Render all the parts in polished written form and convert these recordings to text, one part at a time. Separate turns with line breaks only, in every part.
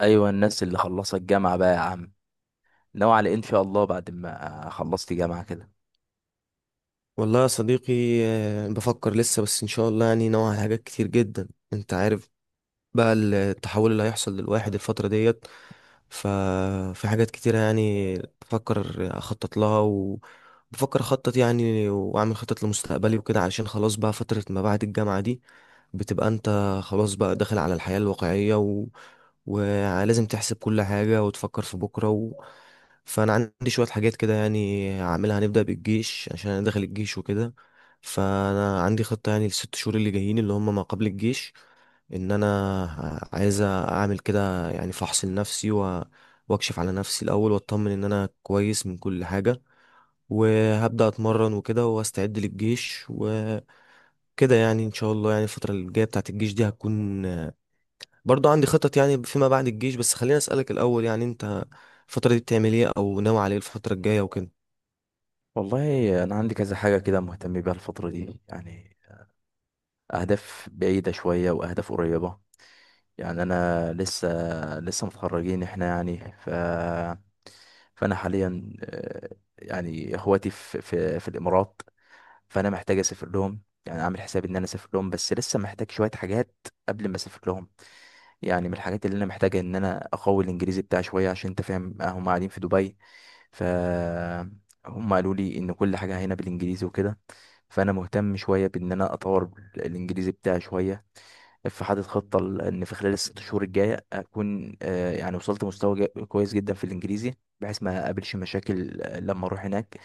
ايوه، الناس اللي خلصت جامعه بقى يا عم، ناوي على إيه ان شاء الله بعد ما خلصت جامعه كده؟
والله يا صديقي. بفكر لسه، بس ان شاء الله يعني نوع على حاجات كتير جدا انت عارف بقى التحول اللي هيحصل للواحد الفترة ديت. ففي حاجات كتيرة يعني بفكر اخطط لها، وبفكر اخطط يعني واعمل خطط لمستقبلي وكده. علشان خلاص بقى فترة ما بعد الجامعة دي، بتبقى انت خلاص بقى داخل على الحياة الواقعية، ولازم تحسب كل حاجة وتفكر في بكرة فأنا عندي شوية حاجات كده يعني هعملها، هنبدأ بالجيش عشان أنا داخل الجيش وكده. فأنا عندي خطة يعني الست شهور اللي جايين اللي هم ما قبل الجيش، إن أنا عايز أعمل كده يعني فحص لنفسي وأكشف على نفسي الأول، وأطمن إن أنا كويس من كل حاجة، وهبدأ أتمرن وكده وأستعد للجيش وكده. يعني إن شاء الله يعني الفترة الجاية بتاعت الجيش دي هتكون. برضو عندي خطط يعني فيما بعد الجيش، بس خليني أسألك الأول، يعني أنت الفترة دي بتعمل إيه، أو ناوي على إيه الفترة الجاية وكده؟
والله انا عندي كذا حاجه كده مهتم بيها الفتره دي يعني، اهداف بعيده شويه واهداف قريبه. يعني انا لسه متخرجين احنا يعني، فانا حاليا يعني اخواتي في الامارات. فانا محتاج اسافر لهم، يعني اعمل حساب ان انا اسافر لهم، بس لسه محتاج شويه حاجات قبل ما اسافر لهم. يعني من الحاجات اللي انا محتاجة ان انا اقوي الانجليزي بتاعي شوية، عشان انت فاهم هم قاعدين في دبي. ف هم قالوا لي ان كل حاجة هنا بالانجليزي وكده، فانا مهتم شوية بان انا اطور الانجليزي بتاعي شوية. فحاطط خطة ان في خلال الـ6 شهور الجاية اكون يعني وصلت مستوى كويس جدا في الانجليزي، بحيث ما اقابلش مشاكل لما اروح هناك.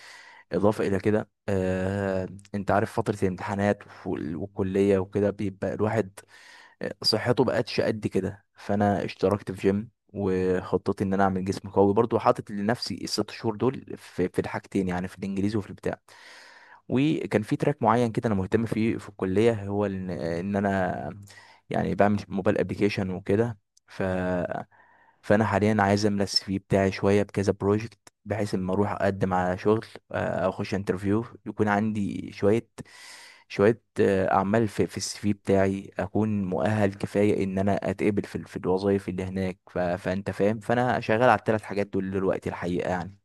اضافة الى كده، انت عارف فترة الامتحانات والكلية وكده بيبقى الواحد صحته بقتش قد كده. فانا اشتركت في جيم، وخطتي ان انا اعمل جسم قوي برضو. حاطط لنفسي الـ6 شهور دول في الحاجتين يعني: في الانجليزي وفي البتاع. وكان في تراك معين كده انا مهتم فيه في الكليه، هو ان انا يعني بعمل موبايل ابلكيشن وكده. ف فانا حاليا عايز املى السي في بتاعي شويه بكذا بروجكت، بحيث اما اروح اقدم على شغل او اخش انترفيو يكون عندي شويه اعمال في السي في بتاعي، اكون مؤهل كفايه ان انا اتقبل في الوظائف اللي هناك. فانت فاهم، فانا شغال على الـ3 حاجات دول دلوقتي الحقيقه يعني.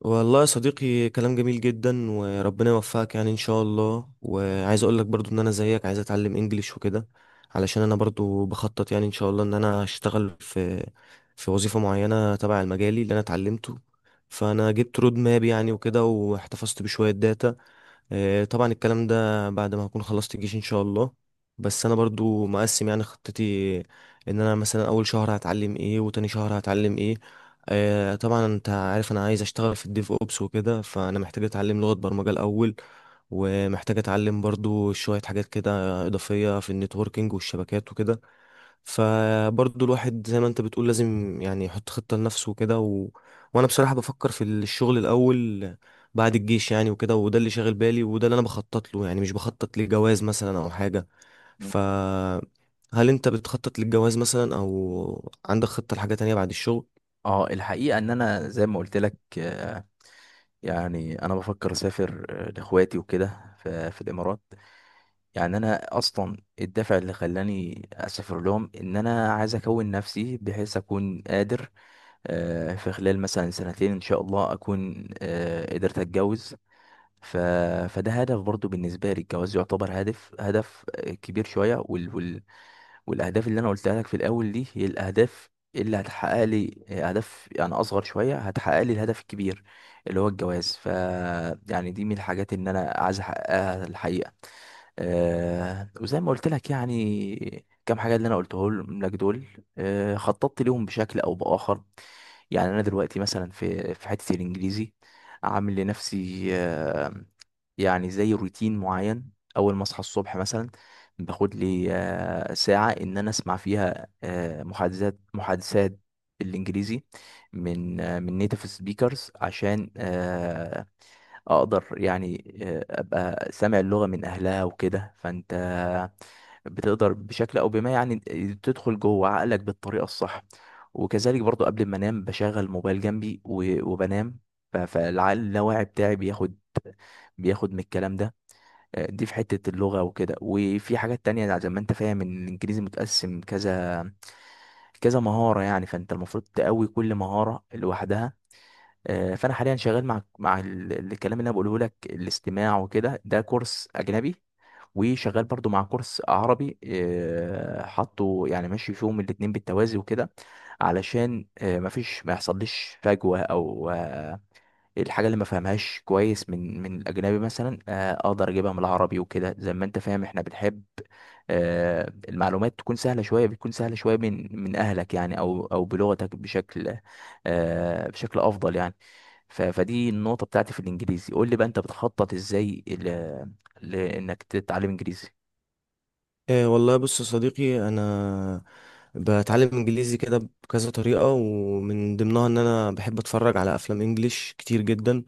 والله يا صديقي، كلام جميل جدا وربنا يوفقك يعني إن شاء الله. وعايز أقول لك برضو إن أنا زيك عايز أتعلم إنجليش وكده، علشان أنا برضو بخطط يعني إن شاء الله إن أنا أشتغل في وظيفة معينة تبع المجالي اللي أنا اتعلمته. فأنا جبت رود ماب يعني وكده، واحتفظت بشوية داتا. طبعا الكلام ده بعد ما هكون خلصت الجيش ان شاء الله. بس انا برضو مقسم يعني خطتي، ان انا مثلا اول شهر هتعلم ايه وتاني شهر هتعلم ايه. طبعا انت عارف انا عايز اشتغل في الديف اوبس وكده، فانا محتاج اتعلم لغة برمجة الاول. ومحتاج اتعلم برضو شوية حاجات كده اضافية في النتوركينج والشبكات وكده. فبرضه الواحد زي ما انت بتقول لازم يعني يحط خطة لنفسه وكده وانا بصراحة بفكر في الشغل الاول بعد الجيش يعني وكده. وده اللي شاغل بالي، وده اللي انا بخطط له، يعني مش بخطط لجواز مثلا او حاجة.
مم.
ف هل انت بتخطط للجواز مثلا، او عندك خطة لحاجة تانية بعد الشغل؟
اه، الحقيقة ان انا زي ما قلت لك، يعني انا بفكر اسافر لاخواتي وكده في الامارات. يعني انا اصلا الدافع اللي خلاني اسافر لهم ان انا عايز اكون نفسي، بحيث اكون قادر في خلال مثلا سنتين ان شاء الله اكون قدرت اتجوز. ف... فده هدف برضو بالنسبه لي. الجواز يعتبر هدف هدف كبير شويه، والاهداف اللي انا قلتها لك في الاول دي هي الاهداف اللي هتحقق لي اهداف يعني اصغر شويه، هتحقق لي الهدف الكبير اللي هو الجواز. يعني دي من الحاجات اللي انا عايز احققها الحقيقه. وزي ما قلت لك يعني كام حاجه اللي انا قلته لك دول خططت ليهم بشكل او باخر. يعني انا دلوقتي مثلا في حته الانجليزي عامل لنفسي يعني زي روتين معين: اول ما اصحى الصبح مثلا باخد لي ساعه ان انا اسمع فيها محادثات محادثات بالانجليزي من نيتيف سبيكرز، عشان اقدر يعني ابقى سامع اللغة من اهلها وكده. فانت بتقدر بشكل او بما يعني تدخل جوه عقلك بالطريقة الصح. وكذلك برضو قبل ما انام بشغل موبايل جنبي وبنام، فالعقل اللاواعي بتاعي بياخد من الكلام ده. دي في حتة اللغة وكده، وفي حاجات تانية يعني زي ما انت فاهم ان الانجليزي متقسم كذا مهارة يعني، فانت المفروض تقوي كل مهارة لوحدها. فانا حاليا شغال مع الكلام اللي انا بقوله لك، الاستماع وكده، ده كورس اجنبي، وشغال برضو مع كورس عربي حطه، يعني ماشي فيهم الاتنين بالتوازي وكده، علشان مفيش ما يحصلش فجوة. او آه، الحاجة اللي ما فهمهاش كويس من الاجنبي مثلا اقدر اجيبها من العربي وكده. زي ما انت فاهم احنا بنحب المعلومات تكون سهلة شوية، بتكون سهلة شوية من اهلك يعني او بلغتك بشكل بشكل افضل يعني. فدي النقطة بتاعتي في الإنجليزي. قول لي بقى أنت بتخطط إزاي لإنك تتعلم إنجليزي.
إيه والله، بص يا صديقي، انا بتعلم انجليزي كده بكذا طريقة، ومن ضمنها ان انا بحب اتفرج على افلام انجليش كتير جدا.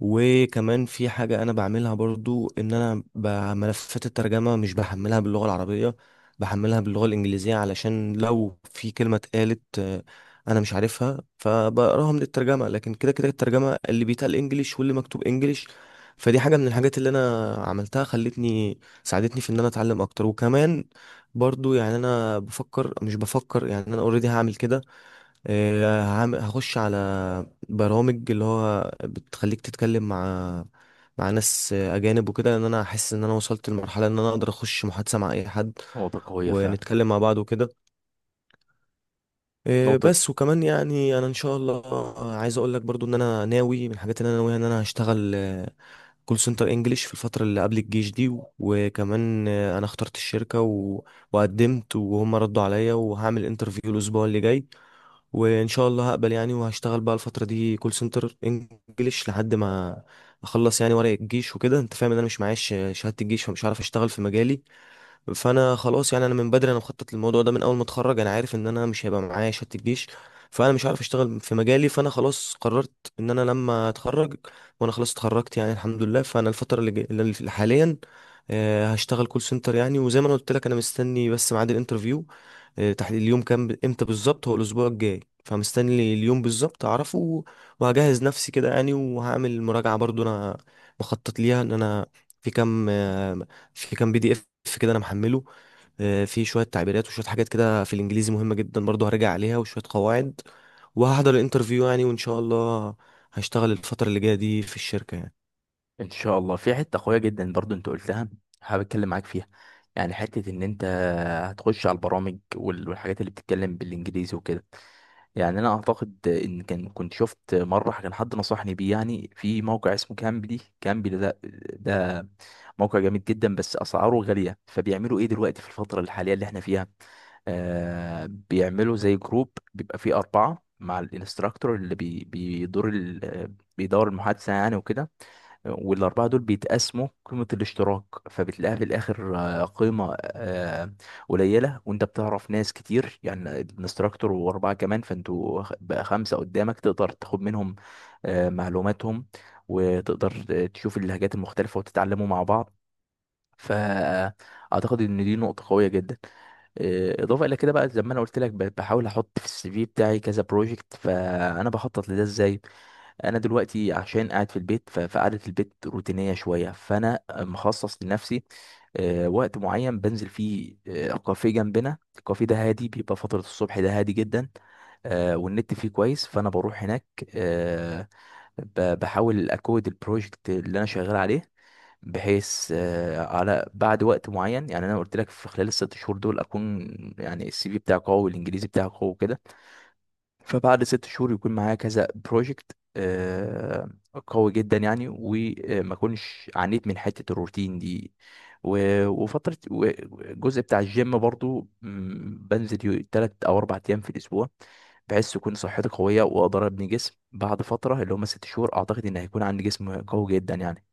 وكمان في حاجة أنا بعملها برضو، إن أنا ملفات الترجمة مش بحملها باللغة العربية، بحملها باللغة الإنجليزية، علشان لو في كلمة اتقالت، أنا مش عارفها فبقراها من الترجمة. لكن كده كده الترجمة اللي بيتقال إنجليش واللي مكتوب إنجليش. فدي حاجة من الحاجات اللي أنا عملتها، خلتني ساعدتني في إن أنا أتعلم أكتر. وكمان برضو يعني أنا بفكر مش بفكر يعني أنا أوريدي هعمل كده. هخش على برامج اللي هو بتخليك تتكلم مع ناس اجانب وكده، لان انا احس ان انا وصلت لمرحله ان انا اقدر اخش محادثه مع اي حد،
نقطة قوية فعلا.
ونتكلم مع بعض وكده.
نقطة.
بس وكمان يعني انا ان شاء الله، عايز اقول لك برضو ان انا ناوي، من الحاجات اللي انا ناويها ان انا هشتغل كول سنتر انجليش في الفتره اللي قبل الجيش دي. وكمان انا اخترت الشركه وقدمت، وهم ردوا عليا، وهعمل انترفيو الاسبوع اللي جاي، وان شاء الله هقبل يعني. وهشتغل بقى الفتره دي كول سنتر انجليش لحد ما اخلص يعني ورق الجيش وكده. انت فاهم ان انا مش معايا شهاده الجيش، فمش هعرف اشتغل في مجالي. فانا خلاص يعني، انا من بدري انا مخطط للموضوع ده من اول ما اتخرج. انا عارف ان انا مش هيبقى معايا شهاده الجيش، فانا مش عارف اشتغل في مجالي. فانا خلاص قررت ان انا لما اتخرج، وانا خلاص اتخرجت يعني الحمد لله. فانا الفتره اللي, جاي- اللي اللي حاليا، هشتغل كول سنتر يعني. وزي ما انا قلت لك، انا مستني بس ميعاد الانترفيو. تحت اليوم كام، امتى بالظبط، هو الاسبوع الجاي، فمستني اليوم بالظبط اعرفه. وهجهز نفسي كده يعني، وهعمل مراجعه برضو. انا مخطط ليها ان انا في كام آه، في كام PDF كده انا محمله. في شويه تعبيرات وشويه حاجات كده في الانجليزي مهمه جدا، برضه هرجع عليها وشويه قواعد. وهحضر الانترفيو يعني، وان شاء الله هشتغل الفتره اللي جايه دي في الشركه يعني.
إن شاء الله. في حتة قوية جدا برضو أنت قلتها، حابب أتكلم معاك فيها. يعني حتة إن أنت هتخش على البرامج والحاجات اللي بتتكلم بالإنجليزي وكده. يعني انا اعتقد ان كان كنت شفت مره كان حد نصحني بيه، يعني في موقع اسمه كامبلي. كامبلي ده ده موقع جامد جدا، بس اسعاره غاليه. فبيعملوا ايه دلوقتي في الفتره الحاليه اللي احنا فيها؟ بيعملوا زي جروب بيبقى فيه 4 مع الانستراكتور، اللي بيدور المحادثه يعني وكده، والـ4 دول بيتقسموا قيمة الاشتراك. فبتلاقيها في الآخر قيمة قليلة، وأنت بتعرف ناس كتير يعني: الانستراكتور و4 كمان، فأنتوا بقى 5 قدامك، تقدر تاخد منهم معلوماتهم، وتقدر تشوف اللهجات المختلفة وتتعلموا مع بعض. فأعتقد إن دي نقطة قوية جدا. إضافة إلى كده بقى، زي ما أنا قلت لك بحاول أحط في السي في بتاعي كذا بروجكت. فأنا بخطط لده إزاي: انا دلوقتي عشان قاعد في البيت فقعدة البيت روتينية شوية. فانا مخصص لنفسي وقت معين بنزل فيه كافيه جنبنا. الكافيه ده هادي، بيبقى فترة الصبح ده هادي جدا والنت فيه كويس، فانا بروح هناك آه، بحاول اكود البروجكت اللي انا شغال عليه، بحيث على بعد وقت معين. يعني انا قلت لك في خلال الـ6 شهور دول اكون يعني السي في بتاعي قوي والانجليزي بتاعي قوي كده. فبعد 6 شهور يكون معايا كذا بروجكت قوي جدا يعني، وما اكونش عانيت من حته الروتين دي. وفتره الجزء بتاع الجيم برضو، بنزل 3 أو 4 أيام في الاسبوع، بحيث تكون صحتي قويه واقدر ابني جسم. بعد فتره اللي هم 6 شهور اعتقد ان هيكون عندي جسم قوي جدا يعني.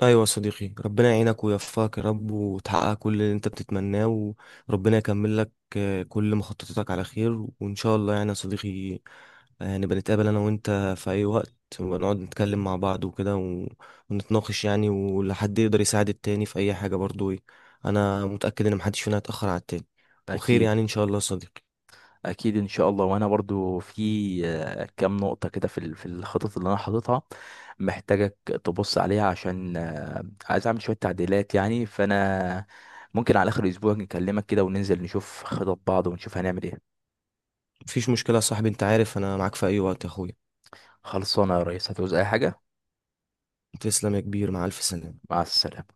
ايوه يا صديقي، ربنا يعينك ويوفقك يا رب، وتحقق كل اللي انت بتتمناه. وربنا يكمل لك، كل مخططاتك على خير، وان شاء الله يعني يا صديقي هنبقى نتقابل انا وانت في اي وقت، ونقعد نتكلم مع بعض وكده ونتناقش يعني، ولحد يقدر يساعد التاني في اي حاجة برضو إيه. انا متأكد ان محدش فينا هيتأخر على التاني وخير
اكيد.
يعني ان شاء الله يا صديقي.
اكيد ان شاء الله. وانا برضو في كام نقطه كده في الخطط اللي انا حاططها محتاجك تبص عليها، عشان عايز اعمل شويه تعديلات يعني. فانا ممكن على اخر اسبوع نكلمك كده، وننزل نشوف خطط بعض ونشوف هنعمل ايه.
مفيش مشكلة يا صاحبي، انت عارف انا معاك في اي وقت يا اخويا.
خلصانه يا ريس. هتعوز اي حاجه؟
تسلم يا كبير، مع الف سلامة.
مع السلامه.